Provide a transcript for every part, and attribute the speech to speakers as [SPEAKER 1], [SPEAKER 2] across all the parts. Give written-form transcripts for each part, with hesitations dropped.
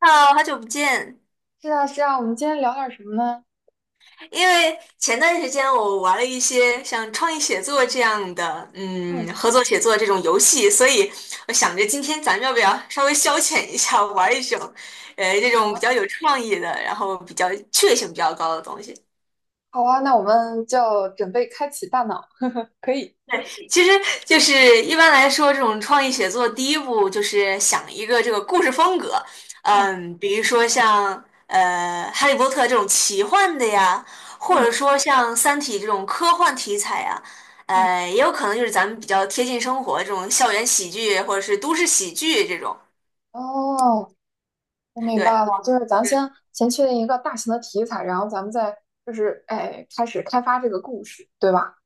[SPEAKER 1] 哈喽，好久不见。
[SPEAKER 2] 是啊，是啊，我们今天聊点什么呢？
[SPEAKER 1] 因为前段时间我玩了一些像创意写作这样的，
[SPEAKER 2] 嗯，
[SPEAKER 1] 合作写作这种游戏，所以我想着今天咱们要不要稍微消遣一下，玩一种，这
[SPEAKER 2] 好
[SPEAKER 1] 种比
[SPEAKER 2] 啊，
[SPEAKER 1] 较有创意的，然后比较趣味性比较高的东西。
[SPEAKER 2] 好啊，那我们就准备开启大脑，可以。
[SPEAKER 1] 其实就是一般来说，这种创意写作第一步就是想一个这个故事风格，
[SPEAKER 2] 嗯，
[SPEAKER 1] 嗯，比如说像《哈利波特》这种奇幻的呀，或
[SPEAKER 2] 嗯，
[SPEAKER 1] 者说像《三体》这种科幻题材呀。
[SPEAKER 2] 嗯，
[SPEAKER 1] 也有可能就是咱们比较贴近生活这种校园喜剧或者是都市喜剧这种。
[SPEAKER 2] 哦，我明白
[SPEAKER 1] 对。
[SPEAKER 2] 了，就是咱先确定一个大型的题材，然后咱们再开始开发这个故事，对吧？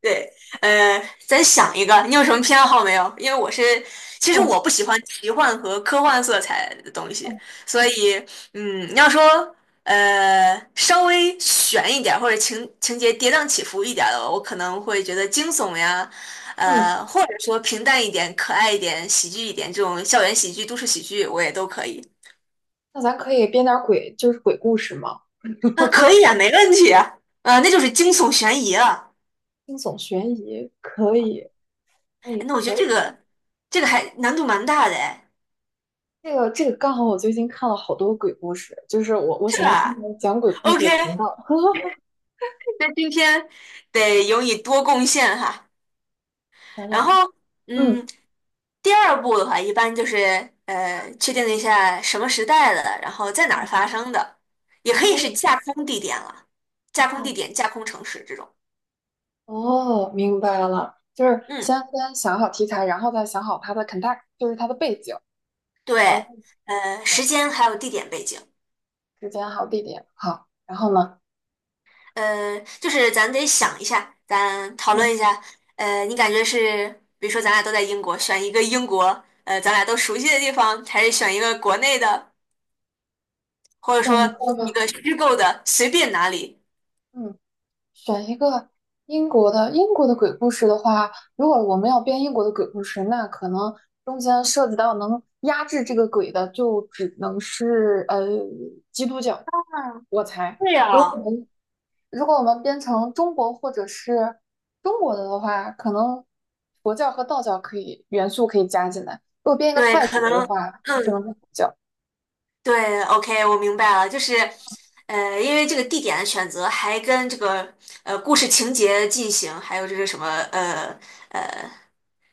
[SPEAKER 1] 对，咱想一个，你有什么偏好没有？因为我是，其实
[SPEAKER 2] 嗯，
[SPEAKER 1] 我不喜欢奇幻和科幻色彩的东西，
[SPEAKER 2] 哦，
[SPEAKER 1] 所以，你要说，稍微悬一点儿或者情节跌宕起伏一点儿的，我可能会觉得惊悚呀。
[SPEAKER 2] 嗯，
[SPEAKER 1] 或者说平淡一点、可爱一点、喜剧一点这种校园喜剧、都市喜剧，我也都可以。
[SPEAKER 2] 那咱可以编点儿鬼，就是鬼故事吗？
[SPEAKER 1] 啊，可以啊，没问题啊。那就是惊悚悬疑了。
[SPEAKER 2] 惊悚悬疑可以，哎，
[SPEAKER 1] 哎，那我觉得
[SPEAKER 2] 可
[SPEAKER 1] 这
[SPEAKER 2] 以。
[SPEAKER 1] 个还难度蛮大的哎。
[SPEAKER 2] 这个刚好我最近看了好多鬼故事，就是我
[SPEAKER 1] 是
[SPEAKER 2] 喜欢听
[SPEAKER 1] 吧？
[SPEAKER 2] 那种讲鬼故事
[SPEAKER 1] OK,
[SPEAKER 2] 的频道。
[SPEAKER 1] 那今天得由你多贡献哈。
[SPEAKER 2] 想
[SPEAKER 1] 然
[SPEAKER 2] 想
[SPEAKER 1] 后，
[SPEAKER 2] 啊，嗯，
[SPEAKER 1] 嗯，第二步的话，一般就是确定一下什么时代的，然后在哪儿发生的，也可以
[SPEAKER 2] 哦，
[SPEAKER 1] 是架空地点了，架空地点、架空城市这种。
[SPEAKER 2] 哦，明白了，就是
[SPEAKER 1] 嗯，
[SPEAKER 2] 先想好题材，然后再想好它的 context，就是它的背景，
[SPEAKER 1] 对，
[SPEAKER 2] 嗯，
[SPEAKER 1] 呃，时间还有地点背景。
[SPEAKER 2] 时间好，地点好，然后呢，
[SPEAKER 1] 就是咱得想一下，咱讨
[SPEAKER 2] 嗯，
[SPEAKER 1] 论一下。你感觉是，比如说咱俩都在英国，选一个英国,咱俩都熟悉的地方，还是选一个国内的？或者
[SPEAKER 2] 对，你
[SPEAKER 1] 说
[SPEAKER 2] 说
[SPEAKER 1] 一
[SPEAKER 2] 吧，
[SPEAKER 1] 个虚构的，随便哪里。
[SPEAKER 2] 嗯。选一个英国的，英国的鬼故事的话，如果我们要编英国的鬼故事，那可能中间涉及到能压制这个鬼的，就只能是基督教，
[SPEAKER 1] 嗯，
[SPEAKER 2] 我猜。
[SPEAKER 1] 对
[SPEAKER 2] 如果
[SPEAKER 1] 啊，
[SPEAKER 2] 我们如果我们编成中国或者是中国的话，可能佛教和道教元素可以加进来。如果编一个
[SPEAKER 1] 对，
[SPEAKER 2] 泰
[SPEAKER 1] 可
[SPEAKER 2] 国的
[SPEAKER 1] 能，
[SPEAKER 2] 话，就只能
[SPEAKER 1] 嗯，
[SPEAKER 2] 是佛教。
[SPEAKER 1] 对，OK,我明白了，就是,因为这个地点的选择还跟这个故事情节进行，还有这个什么呃呃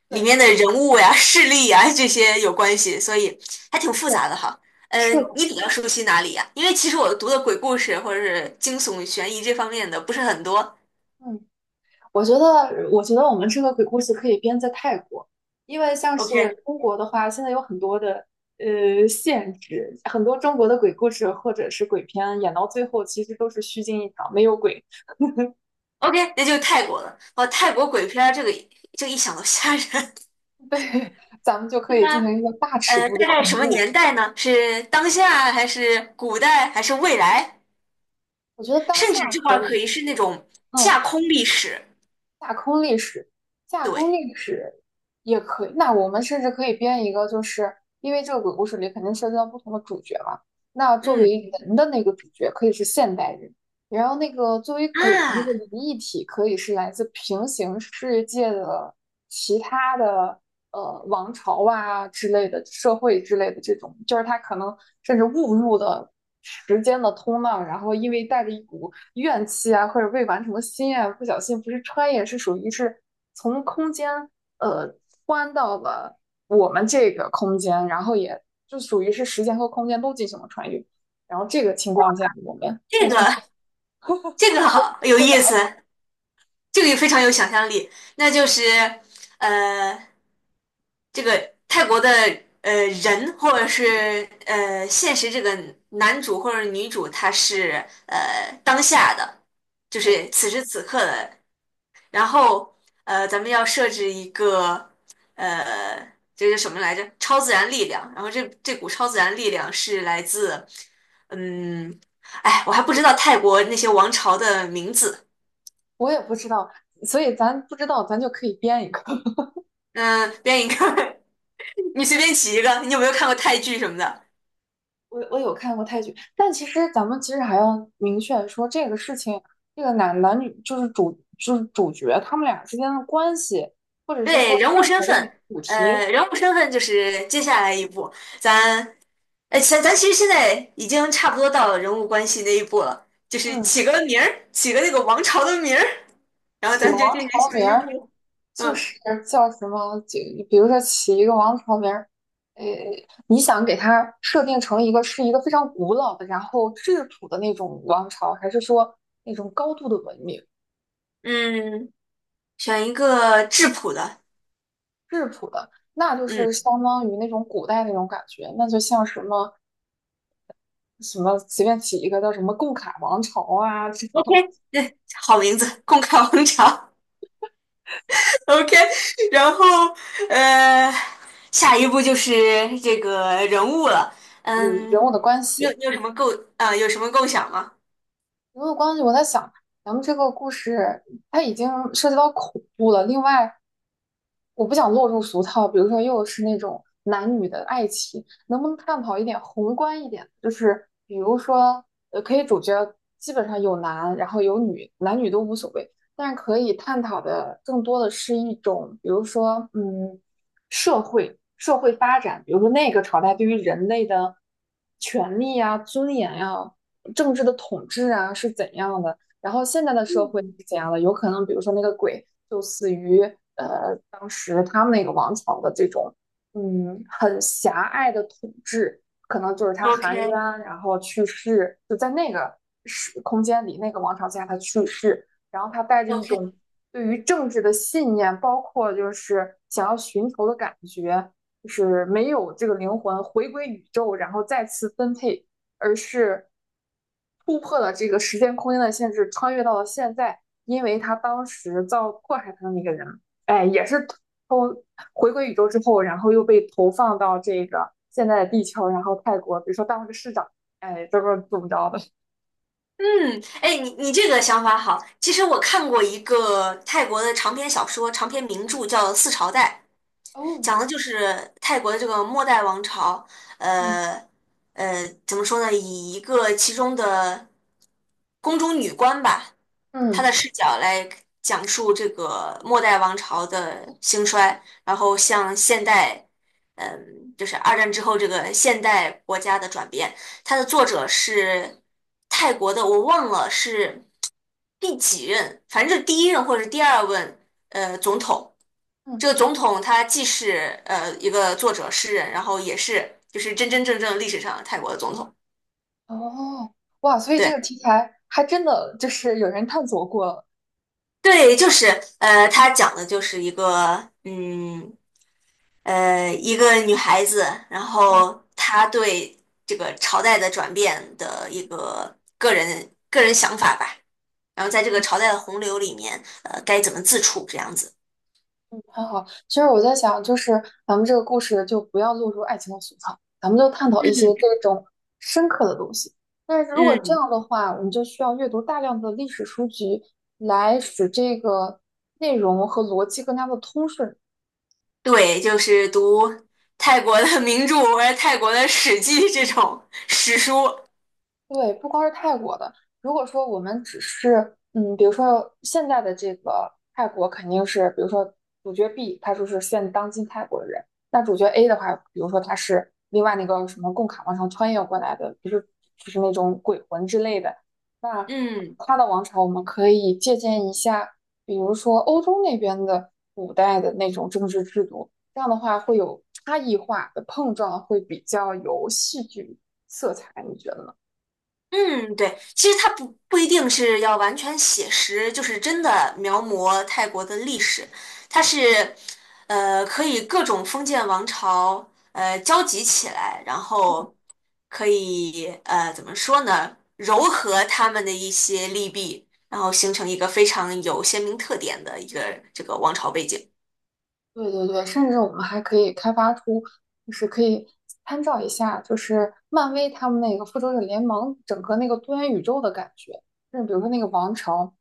[SPEAKER 1] 里
[SPEAKER 2] 对，
[SPEAKER 1] 面的人物呀、势力呀这些有关系，所以还挺复
[SPEAKER 2] 对，
[SPEAKER 1] 杂的哈。
[SPEAKER 2] 是，
[SPEAKER 1] 你比较熟悉哪里呀？因为其实我读的鬼故事或者是惊悚、悬疑这方面的不是很多。
[SPEAKER 2] 嗯。我觉得，我觉得我们这个鬼故事可以编在泰国，因为像
[SPEAKER 1] OK。
[SPEAKER 2] 是中国的话，现在有很多的限制，很多中国的鬼故事或者是鬼片演到最后，其实都是虚惊一场，没有鬼。
[SPEAKER 1] OK,那就是泰国了。哇，泰国鬼片儿这个就一想到吓人。
[SPEAKER 2] 对，咱们就可
[SPEAKER 1] 对
[SPEAKER 2] 以进
[SPEAKER 1] 啊。
[SPEAKER 2] 行一个大尺度的
[SPEAKER 1] 大概
[SPEAKER 2] 恐
[SPEAKER 1] 什么
[SPEAKER 2] 怖。
[SPEAKER 1] 年代呢？是当下还是古代还是未来？
[SPEAKER 2] 我觉得当
[SPEAKER 1] 甚至
[SPEAKER 2] 下
[SPEAKER 1] 这块
[SPEAKER 2] 可
[SPEAKER 1] 儿可
[SPEAKER 2] 以，
[SPEAKER 1] 以是那种架
[SPEAKER 2] 嗯，
[SPEAKER 1] 空历史。
[SPEAKER 2] 架空历史，架空
[SPEAKER 1] 对，
[SPEAKER 2] 历史也可以。那我们甚至可以编一个，就是因为这个鬼故事里肯定涉及到不同的主角嘛。那作
[SPEAKER 1] 嗯，
[SPEAKER 2] 为人的那个主角可以是现代人，然后那个作为鬼的那个
[SPEAKER 1] 啊，
[SPEAKER 2] 灵异体可以是来自平行世界的其他的王朝啊之类的社会之类的这种，就是他可能甚至误入了时间的通道，然后因为带着一股怨气啊，或者未完成的心愿，不小心不是穿越，是属于是从空间呃穿到了我们这个空间，然后也就属于是时间和空间都进行了穿越。然后这个情况下，我们再
[SPEAKER 1] 这个
[SPEAKER 2] 去展示，
[SPEAKER 1] 好有
[SPEAKER 2] 复杂
[SPEAKER 1] 意
[SPEAKER 2] 了。
[SPEAKER 1] 思，这个也非常有想象力。那就是呃，这个泰国的呃人或者是现实这个男主或者女主，他是当下的，就
[SPEAKER 2] 对，
[SPEAKER 1] 是此时此刻的。然后咱们要设置一个呃，这是什么来着？超自然力量。然后这股超自然力量是来自嗯，哎，我还不知道泰国那些王朝的名字。
[SPEAKER 2] 我也不知道，所以咱不知道，咱就可以编一个。
[SPEAKER 1] 嗯、编一个，你随便起一个。你有没有看过泰剧什么的？
[SPEAKER 2] 我有看过泰剧，但其实咱们其实还要明确说这个事情，这个男男女就是主就是主角他们俩之间的关系，或者是
[SPEAKER 1] 对，
[SPEAKER 2] 说
[SPEAKER 1] 人物
[SPEAKER 2] 任
[SPEAKER 1] 身
[SPEAKER 2] 何的
[SPEAKER 1] 份，
[SPEAKER 2] 主题，
[SPEAKER 1] 呃，人物身份就是接下来一步，咱，咱其实现在已经差不多到了人物关系那一步了，就是
[SPEAKER 2] 嗯，
[SPEAKER 1] 起个名儿，起个那个王朝的名儿，然后
[SPEAKER 2] 起个
[SPEAKER 1] 咱就
[SPEAKER 2] 王
[SPEAKER 1] 进行
[SPEAKER 2] 朝
[SPEAKER 1] 下
[SPEAKER 2] 名
[SPEAKER 1] 一
[SPEAKER 2] 儿，
[SPEAKER 1] 步。
[SPEAKER 2] 就
[SPEAKER 1] 嗯
[SPEAKER 2] 是叫什么，就比如说起一个王朝名儿，诶，你想给它设定成一个，是一个非常古老的，然后质朴的那种王朝，还是说那种高度的文明，
[SPEAKER 1] 嗯，选一个质朴的，
[SPEAKER 2] 质朴的？那就
[SPEAKER 1] 嗯
[SPEAKER 2] 是相当于那种古代那种感觉，那就像什么，什么随便起一个叫什么“贡卡王朝”啊，这
[SPEAKER 1] ，OK,
[SPEAKER 2] 种
[SPEAKER 1] 对，好名字，共开王朝。 ，OK,然后呃，下一步就是这个人物了，
[SPEAKER 2] 有
[SPEAKER 1] 嗯，
[SPEAKER 2] 人物的关
[SPEAKER 1] 你有
[SPEAKER 2] 系，
[SPEAKER 1] 你有什么构啊、有什么构想吗
[SPEAKER 2] 没有关系，我在想，咱们这个故事它已经涉及到恐怖了。另外，我不想落入俗套，比如说又是那种男女的爱情，能不能探讨一点宏观一点？就是比如说，可以主角基本上有男，然后有女，男女都无所谓，但是可以探讨的更多的是一种，比如说，嗯，社会发展，比如说那个朝代对于人类的权利呀、尊严呀。政治的统治啊是怎样的，然后现在的社会是怎样的，有可能比如说那个鬼就死于当时他们那个王朝的这种，嗯，很狭隘的统治，可能就是他含冤
[SPEAKER 1] OK
[SPEAKER 2] 然后去世，就在那个时空间里那个王朝下他去世，然后他带着一
[SPEAKER 1] OK，
[SPEAKER 2] 种对于政治的信念，包括就是想要寻求的感觉。就是没有这个灵魂回归宇宙，然后再次分配，而是突破了这个时间空间的限制，穿越到了现在。因为他当时遭迫害他的那个人，哎，也是偷回归宇宙之后，然后又被投放到这个现在的地球，然后泰国，比如说当了个市长，哎，这个怎么着的？
[SPEAKER 1] 嗯，哎，你这个想法好。其实我看过一个泰国的长篇小说，长篇名著叫《四朝代》，
[SPEAKER 2] 哦，
[SPEAKER 1] 讲的就是泰国的这个末代王朝。
[SPEAKER 2] 嗯，
[SPEAKER 1] 呃怎么说呢？以一个其中的宫中女官吧，她
[SPEAKER 2] 嗯，
[SPEAKER 1] 的视角来讲述这个末代王朝的兴衰，然后向现代,就是二战之后这个现代国家的转变。它的作者是泰国的，我忘了是第几任，反正就是第一任或者是第二任总统。
[SPEAKER 2] 嗯，
[SPEAKER 1] 这个总统他既是一个作者诗人，然后也是就是真真正正历史上泰国的总统。
[SPEAKER 2] 哦，哇，所以这
[SPEAKER 1] 对
[SPEAKER 2] 个题材还真的就是有人探索过了。
[SPEAKER 1] 对，就是他讲的就是一个一个女孩子，然
[SPEAKER 2] 嗯。
[SPEAKER 1] 后她对这个朝代的转变的一个个人想法吧。然后在这个朝代的洪流里面,该怎么自处这样子。
[SPEAKER 2] 嗯，很好。其实我在想，就是咱们这个故事就不要落入爱情的俗套，咱们就探讨一些
[SPEAKER 1] 嗯
[SPEAKER 2] 这种深刻的东西。但是如果这
[SPEAKER 1] 嗯，
[SPEAKER 2] 样的话，我们就需要阅读大量的历史书籍，来使这个内容和逻辑更加的通顺。
[SPEAKER 1] 对，就是读泰国的名著或者泰国的史记这种史书。
[SPEAKER 2] 对，不光是泰国的，如果说我们只是，嗯，比如说现在的这个泰国肯定是，比如说主角 B 他就是现当今泰国人，那主角 A 的话，比如说他是另外那个什么贡卡王朝穿越过来的，就是那种鬼魂之类的，那
[SPEAKER 1] 嗯。
[SPEAKER 2] 他的王朝我们可以借鉴一下，比如说欧洲那边的古代的那种政治制度，这样的话会有差异化的碰撞，会比较有戏剧色彩，你觉得呢？嗯，
[SPEAKER 1] 嗯，对，其实它不一定是要完全写实，就是真的描摹泰国的历史，它是,可以各种封建王朝交集起来，然后可以怎么说呢，糅合他们的一些利弊，然后形成一个非常有鲜明特点的一个这个王朝背景。
[SPEAKER 2] 对对对，甚至我们还可以开发出，就是可以参照一下，就是漫威他们那个复仇者联盟整个那个多元宇宙的感觉。就是比如说那个王朝，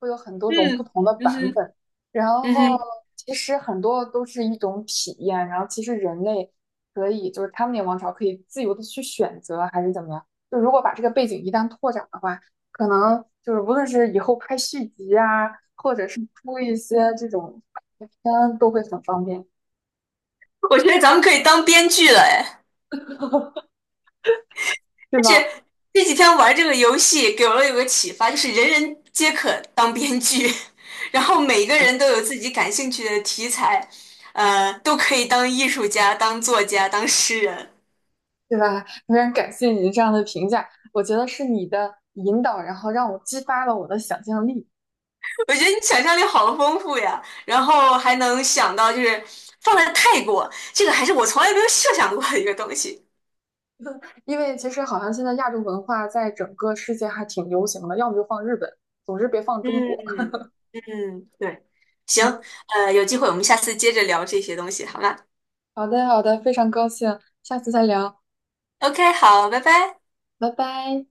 [SPEAKER 2] 会有很多种不
[SPEAKER 1] 嗯，
[SPEAKER 2] 同的
[SPEAKER 1] 嗯
[SPEAKER 2] 版
[SPEAKER 1] 哼，
[SPEAKER 2] 本，然
[SPEAKER 1] 嗯
[SPEAKER 2] 后
[SPEAKER 1] 哼，
[SPEAKER 2] 其实很多都是一种体验，然后其实人类可以，就是他们那个王朝可以自由的去选择还是怎么样。就如果把这个背景一旦拓展的话，可能就是无论是以后拍续集啊，或者是出一些这种。每天都会很方便，
[SPEAKER 1] 我觉得咱们可以当编剧了，哎。
[SPEAKER 2] 是
[SPEAKER 1] 这
[SPEAKER 2] 吧？
[SPEAKER 1] 这几天玩这个游戏给了我有个启发，就是人人皆可当编剧，然后每个人
[SPEAKER 2] 嗯，
[SPEAKER 1] 都有自己感兴趣的题材,都可以当艺术家、当作家、当诗人。
[SPEAKER 2] 对吧？非常感谢你这样的评价，我觉得是你的引导，然后让我激发了我的想象力。
[SPEAKER 1] 我觉得你想象力好丰富呀，然后还能想到就是放在泰国，这个还是我从来没有设想过的一个东西。
[SPEAKER 2] 因为其实好像现在亚洲文化在整个世界还挺流行的，要么就放日本，总之别放中国。
[SPEAKER 1] 嗯嗯，对，行，
[SPEAKER 2] 嗯，
[SPEAKER 1] 有机会我们下次接着聊这些东西，好吗
[SPEAKER 2] 好的，好的，非常高兴，下次再聊，
[SPEAKER 1] ？OK,好，拜拜。
[SPEAKER 2] 拜拜。